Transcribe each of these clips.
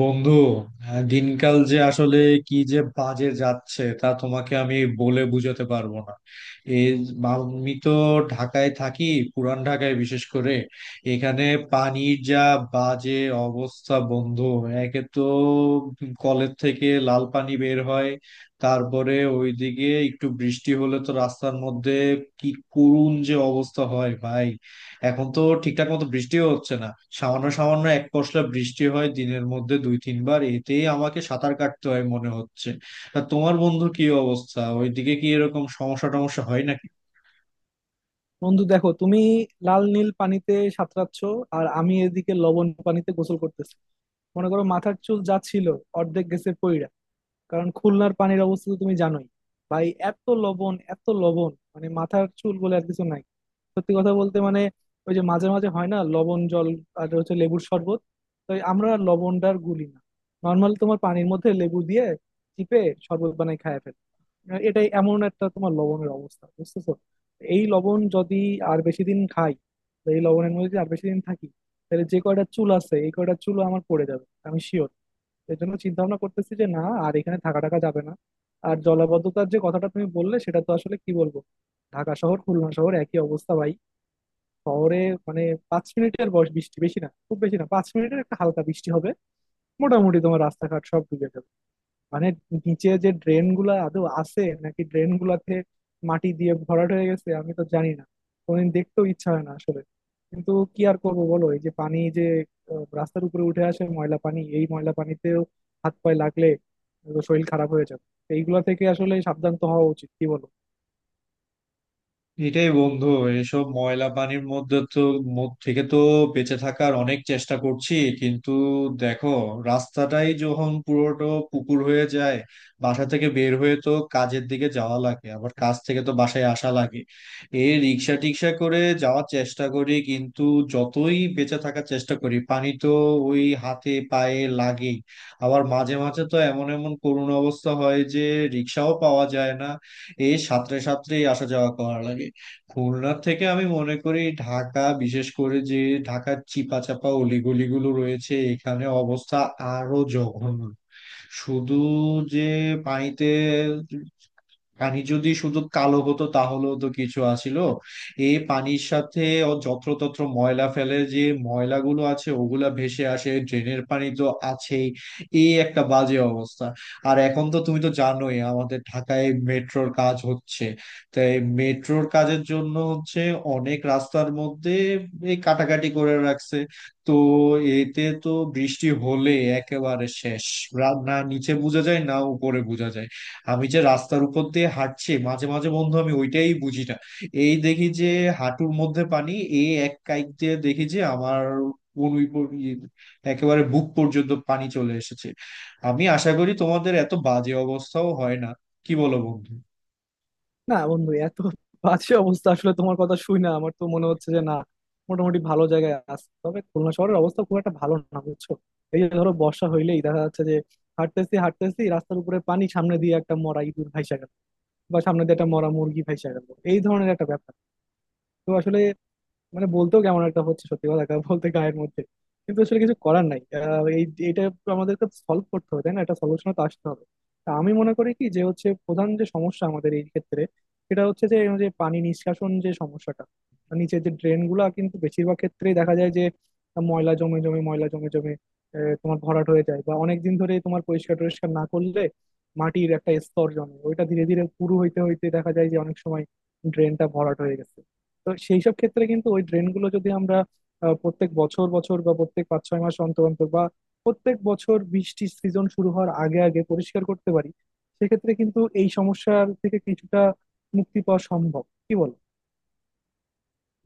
বন্ধু, দিনকাল যে আসলে কি যে বাজে যাচ্ছে তা তোমাকে আমি বলে বোঝাতে পারবো না। এই, আমি তো ঢাকায় থাকি, পুরান ঢাকায় বিশেষ করে। এখানে পানির যা বাজে অবস্থা, বন্ধু। একে তো কলের থেকে লাল পানি বের হয়, তারপরে ওইদিকে একটু বৃষ্টি হলে তো রাস্তার মধ্যে কি করুণ যে অবস্থা হয় ভাই। এখন তো ঠিকঠাক মতো বৃষ্টিও হচ্ছে না। সামান্য সামান্য এক পশলা বৃষ্টি হয় দিনের মধ্যে দুই তিনবার, এতেই আমাকে সাঁতার কাটতে হয় মনে হচ্ছে। তা তোমার বন্ধু কি অবস্থা? ওইদিকে কি এরকম সমস্যা টমস্যা হয় নাকি? বন্ধু দেখো, তুমি লাল নীল পানিতে সাঁতরাচ্ছ, আর আমি এদিকে লবণ পানিতে গোসল করতেছি। মনে করো, মাথার চুল যা ছিল অর্ধেক গেছে পইড়া। কারণ খুলনার পানির অবস্থা তো তুমি জানোই ভাই। এত লবণ, এত লবণ, মাথার চুল বলে আর কিছু নাই। সত্যি কথা বলতে ওই যে মাঝে মাঝে হয় না লবণ জল, আর হচ্ছে লেবুর শরবত। তো আমরা লবণটার গুলি না, নর্মাল তোমার পানির মধ্যে লেবু দিয়ে চিপে শরবত বানাই খায় ফেলে। এটাই এমন একটা তোমার লবণের অবস্থা, বুঝতেছো? এই লবণ যদি আর বেশি দিন খাই, বা এই লবণের মধ্যে যদি আর বেশি দিন থাকি, তাহলে যে কয়টা চুল আছে এই কয়টা চুলও আমার পড়ে যাবে, আমি শিওর। এর জন্য চিন্তা ভাবনা করতেছি যে না, আর এখানে থাকা টাকা যাবে না। আর জলাবদ্ধতার যে কথাটা তুমি বললে, সেটা তো আসলে কি বলবো, ঢাকা শহর খুলনা শহর একই অবস্থা ভাই। শহরে মানে 5 মিনিটের বৃষ্টি, বেশি না, খুব বেশি না, 5 মিনিটের একটা হালকা বৃষ্টি হবে, মোটামুটি তোমার রাস্তাঘাট সব ডুবে যাবে। মানে নিচে যে ড্রেন গুলা আদৌ আছে নাকি ড্রেন গুলাতে মাটি দিয়ে ভরাট হয়ে গেছে আমি তো জানি না, কোনদিন দেখতেও ইচ্ছা হয় না আসলে। কিন্তু কি আর করবো বলো, এই যে পানি যে রাস্তার উপরে উঠে আসে ময়লা পানি, এই ময়লা পানিতেও হাত পায়ে লাগলে তো শরীর খারাপ হয়ে যাবে, তো এইগুলা থেকে আসলে সাবধান তো হওয়া উচিত, কি বলো? এটাই বন্ধু। এসব ময়লা পানির মধ্যে থেকে তো বেঁচে থাকার অনেক চেষ্টা করছি, কিন্তু দেখো, রাস্তাটাই যখন পুরোটা পুকুর হয়ে যায়। বাসা থেকে বের হয়ে তো কাজের দিকে যাওয়া লাগে, আবার কাজ থেকে তো বাসায় আসা লাগে। এই রিক্সা টিক্সা করে যাওয়ার চেষ্টা করি, কিন্তু যতই বেঁচে থাকার চেষ্টা করি পানি তো ওই হাতে পায়ে লাগেই। আবার মাঝে মাঝে তো এমন এমন করুণ অবস্থা হয় যে রিক্সাও পাওয়া যায় না, এই সাঁতরে সাঁতরেই আসা যাওয়া করা লাগে। খুলনা থেকে আমি মনে করি ঢাকা, বিশেষ করে যে ঢাকার চিপা চাপা অলিগলিগুলো রয়েছে, এখানে অবস্থা আরো জঘন্য। শুধু যে পানিতে, পানি যদি শুধু কালো হতো তাহলেও তো কিছু আছিল। এই পানির সাথে, ও যত্রতত্র ময়লা ফেলে যে ময়লাগুলো আছে ওগুলা ভেসে আসে, ড্রেনের পানি তো আছেই। এই একটা বাজে অবস্থা। আর এখন তো তুমি তো জানোই আমাদের ঢাকায় মেট্রোর কাজ হচ্ছে। তাই মেট্রোর কাজের জন্য হচ্ছে অনেক রাস্তার মধ্যে এই কাটাকাটি করে রাখছে। তো এতে তো বৃষ্টি হলে একেবারে শেষ। না, নিচে বোঝা যায় না উপরে বোঝা যায়। আমি যে রাস্তার উপর দিয়ে হাঁটছি মাঝে মাঝে বন্ধু আমি ওইটাই বুঝি না। এই দেখি যে হাঁটুর মধ্যে পানি, এই এক কাইক দিয়ে দেখি যে আমার কোন উই পর- ই- একেবারে বুক পর্যন্ত পানি চলে এসেছে। আমি আশা করি তোমাদের এত বাজে অবস্থাও হয় না। কি বলো বন্ধু? না বন্ধু, এত বাজে অবস্থা আসলে তোমার কথা শুই না, আমার তো মনে হচ্ছে যে না, মোটামুটি ভালো জায়গায় আছে, তবে খুলনা শহরের অবস্থা খুব একটা ভালো না, বুঝছো? এই যে ধরো বর্ষা হইলেই দেখা যাচ্ছে যে হাঁটতেছি হাঁটতেছি রাস্তার উপরে পানি, সামনে দিয়ে একটা মরা ইঁদুর ভাইসা গেল, বা সামনে দিয়ে একটা মরা মুরগি ভাইসা গেল, এই ধরনের একটা ব্যাপার। তো আসলে বলতেও কেমন একটা হচ্ছে, সত্যি কথা বলতে গায়ের মধ্যে, কিন্তু আসলে কিছু করার নাই। আহ, এই এটা আমাদেরকে সলভ করতে হবে, তাই না? এটা সলিউশনে তো আসতে হবে। তা আমি মনে করি কি, যে হচ্ছে প্রধান যে সমস্যা আমাদের এই ক্ষেত্রে, সেটা হচ্ছে যে এই যে পানি নিষ্কাশন যে সমস্যাটা, নিচের যে ড্রেন গুলা, কিন্তু বেশিরভাগ ক্ষেত্রেই দেখা যায় যে ময়লা জমে জমে তোমার ভরাট হয়ে যায়, বা অনেক দিন ধরে তোমার পরিষ্কার টরিষ্কার না করলে মাটির একটা স্তর জমে ওইটা ধীরে ধীরে পুরু হইতে হইতে দেখা যায় যে অনেক সময় ড্রেনটা ভরাট হয়ে গেছে। তো সেই সব ক্ষেত্রে কিন্তু ওই ড্রেনগুলো যদি আমরা প্রত্যেক বছর বছর বা প্রত্যেক 5-6 মাস অন্তর অন্তর বা প্রত্যেক বছর বৃষ্টির সিজন শুরু হওয়ার আগে আগে পরিষ্কার করতে পারি, সেক্ষেত্রে কিন্তু এই সমস্যার থেকে কিছুটা মুক্তি পাওয়া সম্ভব, কি বল?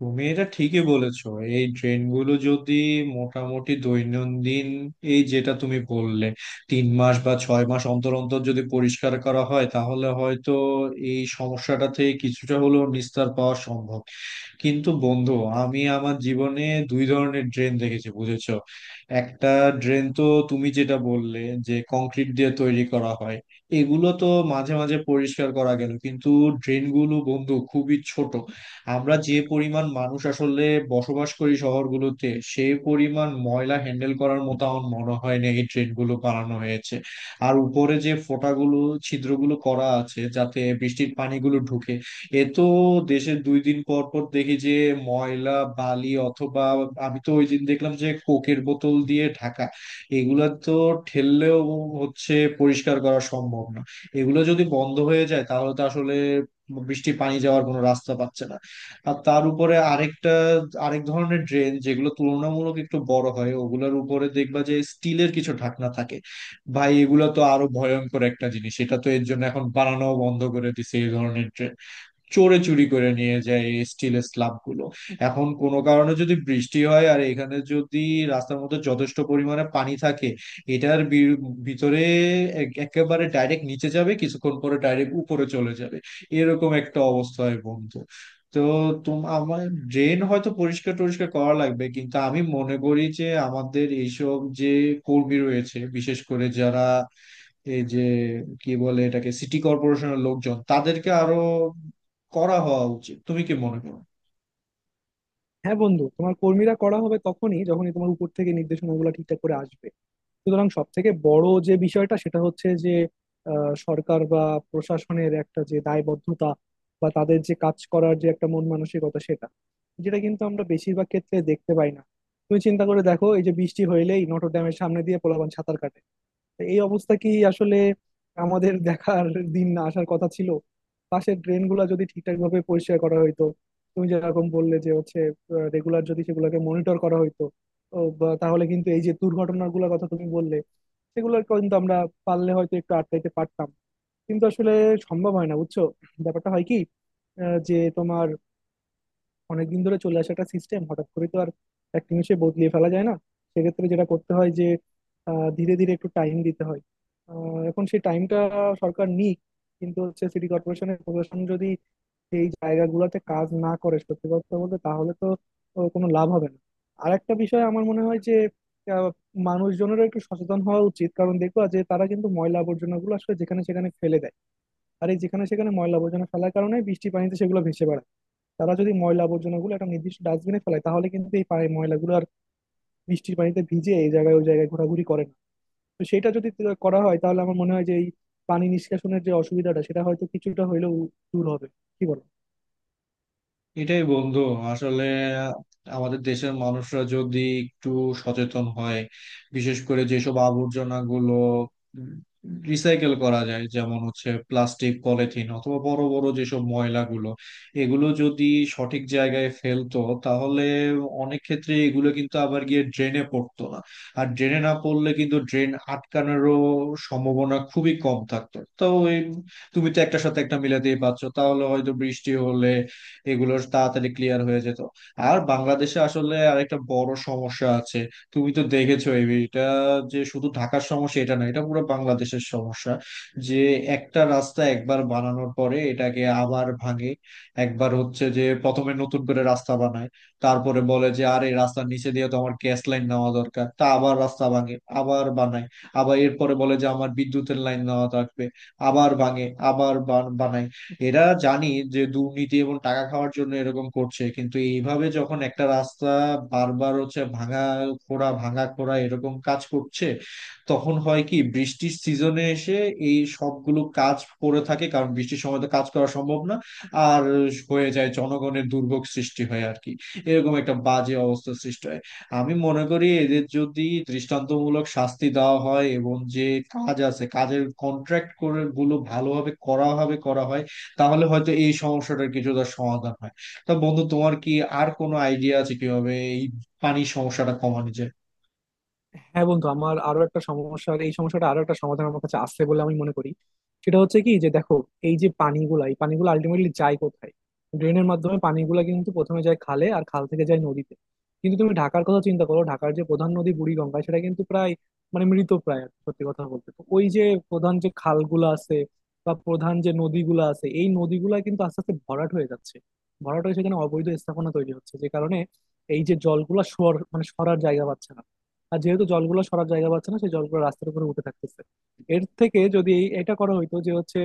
তুমি এটা ঠিকই বলেছো। এই ট্রেনগুলো যদি মোটামুটি দৈনন্দিন, এই যেটা তুমি বললে, 3 মাস বা 6 মাস অন্তর অন্তর যদি পরিষ্কার করা হয়, তাহলে হয়তো এই সমস্যাটা থেকে কিছুটা হলেও নিস্তার পাওয়া সম্ভব। কিন্তু বন্ধু, আমি আমার জীবনে দুই ধরনের ড্রেন দেখেছি, বুঝেছো? একটা ড্রেন তো, তুমি যেটা বললে, যে কংক্রিট দিয়ে তৈরি করা হয়, এগুলো তো মাঝে মাঝে পরিষ্কার করা গেল, কিন্তু ড্রেনগুলো বন্ধু খুবই ছোট। আমরা যে পরিমাণ মানুষ আসলে বসবাস করি শহরগুলোতে, সেই পরিমাণ ময়লা হ্যান্ডেল করার মতো আমার মনে হয় না এই ড্রেনগুলো বানানো হয়েছে। আর উপরে যে ছিদ্রগুলো করা আছে যাতে বৃষ্টির পানিগুলো ঢুকে, এ তো দেশের 2 দিন পর পর দেখি যে ময়লা, বালি, অথবা আমি তো ওই দিন দেখলাম যে কোকের বোতল দিয়ে ঢাকা। এগুলা তো ঠেললেও হচ্ছে পরিষ্কার করা সম্ভব না। এগুলো যদি বন্ধ হয়ে যায় তাহলে তো আসলে বৃষ্টি পানি যাওয়ার কোনো রাস্তা পাচ্ছে না। আর তার উপরে আরেক ধরনের ড্রেন যেগুলো তুলনামূলক একটু বড় হয়, ওগুলোর উপরে দেখবা যে স্টিলের কিছু ঢাকনা থাকে। ভাই, এগুলো তো আরো ভয়ঙ্কর একটা জিনিস। এটা তো এর জন্য এখন বানানো বন্ধ করে দিছে এই ধরনের ড্রেন। চোরে চুরি করে নিয়ে যায় এই স্টিলের স্ল্যাব গুলো। এখন কোনো কারণে যদি বৃষ্টি হয় আর এখানে যদি রাস্তার মধ্যে যথেষ্ট পরিমাণে পানি থাকে, এটার ভিতরে একেবারে ডাইরেক্ট নিচে যাবে, কিছুক্ষণ পরে ডাইরেক্ট উপরে চলে যাবে। এরকম একটা অবস্থা হয় বন্ধু। তো আমার ড্রেন হয়তো পরিষ্কার টরিষ্কার করা লাগবে, কিন্তু আমি মনে করি যে আমাদের এইসব যে কর্মী রয়েছে বিশেষ করে যারা, এই যে কি বলে এটাকে সিটি কর্পোরেশনের লোকজন, তাদেরকে আরো করা হওয়া উচিত। তুমি কি মনে করো? হ্যাঁ বন্ধু, তোমার কর্মীরা করা হবে তখনই যখনই তোমার উপর থেকে নির্দেশনাগুলো ঠিকঠাক করে আসবে। সুতরাং সব থেকে বড় যে বিষয়টা, সেটা হচ্ছে যে সরকার বা প্রশাসনের একটা যে দায়বদ্ধতা বা তাদের যে কাজ করার যে একটা মন মানসিকতা সেটা, যেটা কিন্তু আমরা বেশিরভাগ ক্ষেত্রে দেখতে পাই না। তুমি চিন্তা করে দেখো, এই যে বৃষ্টি হইলেই নটর ডেমের সামনে দিয়ে পোলাপান সাঁতার কাটে, এই অবস্থা কি আসলে আমাদের দেখার দিন না আসার কথা ছিল? পাশের ড্রেন গুলা যদি ঠিকঠাক ভাবে পরিষ্কার করা হইতো, তুমি যেরকম বললে যে হচ্ছে রেগুলার যদি সেগুলোকে মনিটর করা হইতো, ও বা তাহলে কিন্তু এই যে দুর্ঘটনার গুলোর কথা তুমি বললে, সেগুলোর কিন্তু আমরা পারলে হয়তো একটু আটকাইতে পারতাম। কিন্তু আসলে সম্ভব হয় না, বুঝছো। ব্যাপারটা হয় কি, যে তোমার অনেকদিন ধরে চলে আসা একটা সিস্টেম হঠাৎ করে তো আর এক নিমিষে বদলিয়ে ফেলা যায় না। সেক্ষেত্রে যেটা করতে হয় যে ধীরে ধীরে একটু টাইম দিতে হয়। এখন সেই টাইমটা সরকার নিক, কিন্তু হচ্ছে সিটি কর্পোরেশনের প্রশাসন যদি এই জায়গাগুলোতে কাজ না করে সত্যি কথা বলতে, তাহলে তো কোনো লাভ হবে না। আর একটা বিষয় আমার মনে হয় যে আহ, মানুষজনেরও একটু সচেতন হওয়া উচিত, কারণ দেখবা যে তারা কিন্তু ময়লা আবর্জনা গুলো আসলে যেখানে সেখানে ফেলে দেয়। আর এই যেখানে সেখানে ময়লা আবর্জনা ফেলার কারণে বৃষ্টির পানিতে সেগুলো ভেসে বেড়ায়। তারা যদি ময়লা আবর্জনা গুলো একটা নির্দিষ্ট ডাস্টবিনে ফেলায়, তাহলে কিন্তু এই পানি ময়লাগুলো আর বৃষ্টির পানিতে ভিজে এই জায়গায় ওই জায়গায় ঘোরাঘুরি করে না। তো সেটা যদি করা হয়, তাহলে আমার মনে হয় যে এই পানি নিষ্কাশনের যে অসুবিধাটা, সেটা হয়তো কিছুটা হইলেও দূর হবে, কি বল? এটাই বন্ধু। আসলে আমাদের দেশের মানুষরা যদি একটু সচেতন হয়, বিশেষ করে যেসব আবর্জনা গুলো রিসাইকেল করা যায়, যেমন হচ্ছে প্লাস্টিক, পলিথিন অথবা বড় বড় যেসব ময়লাগুলো, এগুলো যদি সঠিক জায়গায় ফেলতো, তাহলে অনেক ক্ষেত্রে এগুলো কিন্তু আবার গিয়ে ড্রেনে পড়তো না। আর ড্রেনে না পড়লে কিন্তু ড্রেন আটকানোরও সম্ভাবনা খুবই কম থাকতো। তো এই, তুমি তো একটার সাথে একটা মিলাতেই পারছো, তাহলে হয়তো বৃষ্টি হলে এগুলোর তাড়াতাড়ি ক্লিয়ার হয়ে যেত। আর বাংলাদেশে আসলে আরেকটা বড় সমস্যা আছে। তুমি তো দেখেছো এই এটা যে শুধু ঢাকার সমস্যা এটা না, এটা পুরো বাংলাদেশের সমস্যা। যে একটা রাস্তা একবার বানানোর পরে এটাকে আবার ভাঙে। একবার হচ্ছে যে প্রথমে নতুন করে রাস্তা বানায়, তারপরে বলে যে আরে রাস্তার নিচে দিয়ে তো আমার গ্যাস লাইন নেওয়া দরকার, তা আবার রাস্তা ভাঙে, আবার বানায়। আবার এরপরে বলে যে আমার বিদ্যুতের লাইন নেওয়া থাকবে, আবার ভাঙে আবার বানায়। এরা জানি যে দুর্নীতি এবং টাকা খাওয়ার জন্য এরকম করছে। কিন্তু এইভাবে যখন একটা রাস্তা বারবার হচ্ছে ভাঙা খোঁড়া ভাঙা খোঁড়া এরকম কাজ করছে, তখন হয় কি, বৃষ্টির সিজনে এসে এই সবগুলো কাজ পড়ে থাকে, কারণ বৃষ্টির সময় তো কাজ করা সম্ভব না। আর হয়ে যায় জনগণের দুর্ভোগ সৃষ্টি হয় আর কি, এরকম একটা বাজে অবস্থা সৃষ্টি হয়। আমি মনে করি এদের যদি দৃষ্টান্তমূলক শাস্তি দেওয়া হয়, এবং যে কাজ আছে কাজের কন্ট্রাক্ট করে গুলো ভালোভাবে করা হবে করা হয়, তাহলে হয়তো এই সমস্যাটার কিছুটা সমাধান হয়। তা বন্ধু, তোমার কি আর কোনো আইডিয়া আছে কিভাবে এই পানির সমস্যাটা কমানো যায়? হ্যাঁ বন্ধু, আমার আরো একটা সমস্যার, এই সমস্যাটা আরো একটা সমাধান আমার কাছে আসছে বলে আমি মনে করি। সেটা হচ্ছে কি, যে দেখো, এই যে এই পানিগুলো আলটিমেটলি যায় কোথায়? ড্রেনের মাধ্যমে পানিগুলা কিন্তু প্রথমে যায় খালে, আর খাল থেকে যায় নদীতে। কিন্তু তুমি ঢাকার কথা চিন্তা করো, ঢাকার যে প্রধান নদী বুড়িগঙ্গা, সেটা কিন্তু প্রায় মৃত প্রায়, সত্যি কথা বলতে। তো ওই যে প্রধান যে খালগুলো আছে বা প্রধান যে নদীগুলো আছে, এই নদীগুলা কিন্তু আস্তে আস্তে ভরাট হয়ে যাচ্ছে, ভরাট হয়ে সেখানে অবৈধ স্থাপনা তৈরি হচ্ছে, যে কারণে এই যে জলগুলা সর মানে সরার জায়গা পাচ্ছে না। আর যেহেতু জলগুলো সরার জায়গা পাচ্ছে না, সেই জলগুলো রাস্তার উপরে উঠে থাকতেছে। এর থেকে যদি এটা করা হইতো যে হচ্ছে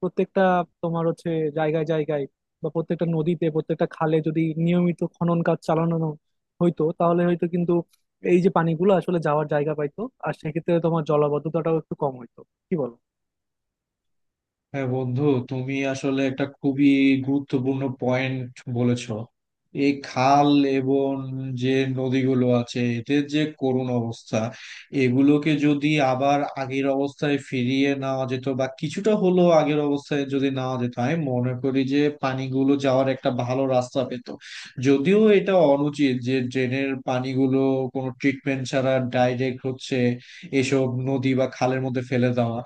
প্রত্যেকটা তোমার হচ্ছে জায়গায় জায়গায় বা প্রত্যেকটা নদীতে প্রত্যেকটা খালে যদি নিয়মিত খনন কাজ চালানো হইতো, তাহলে হয়তো কিন্তু এই যে পানিগুলো আসলে যাওয়ার জায়গা পাইতো, আর সেক্ষেত্রে তোমার জলাবদ্ধতাটাও একটু কম হইতো, কি বলো? হ্যাঁ বন্ধু, তুমি আসলে একটা খুবই গুরুত্বপূর্ণ পয়েন্ট বলেছো। এই খাল এবং যে নদীগুলো আছে এদের যে করুণ অবস্থা, এগুলোকে যদি আবার আগের অবস্থায় ফিরিয়ে নেওয়া যেত বা কিছুটা হলেও আগের অবস্থায় যদি নেওয়া যেত, আমি মনে করি যে পানিগুলো যাওয়ার একটা ভালো রাস্তা পেত। যদিও এটা অনুচিত যে ড্রেনের পানিগুলো কোনো ট্রিটমেন্ট ছাড়া ডাইরেক্ট হচ্ছে এসব নদী বা খালের মধ্যে ফেলে দেওয়া।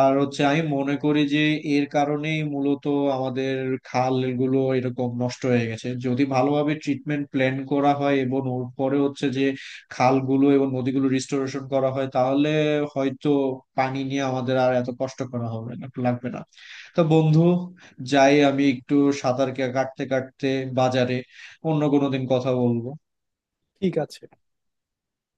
আর হচ্ছে আমি মনে করি যে এর কারণেই মূলত আমাদের খালগুলো এরকম নষ্ট হয়ে গেছে। যদি ভালোভাবে ট্রিটমেন্ট প্ল্যান করা হয় এবং ওর পরে হচ্ছে যে খালগুলো এবং নদীগুলো রিস্টোরেশন করা হয়, তাহলে হয়তো পানি নিয়ে আমাদের আর এত কষ্ট করা হবে না লাগবে না। তো বন্ধু, যাই আমি একটু সাঁতার কাটতে কাটতে বাজারে, অন্য কোনো দিন কথা বলবো। ঠিক আছে।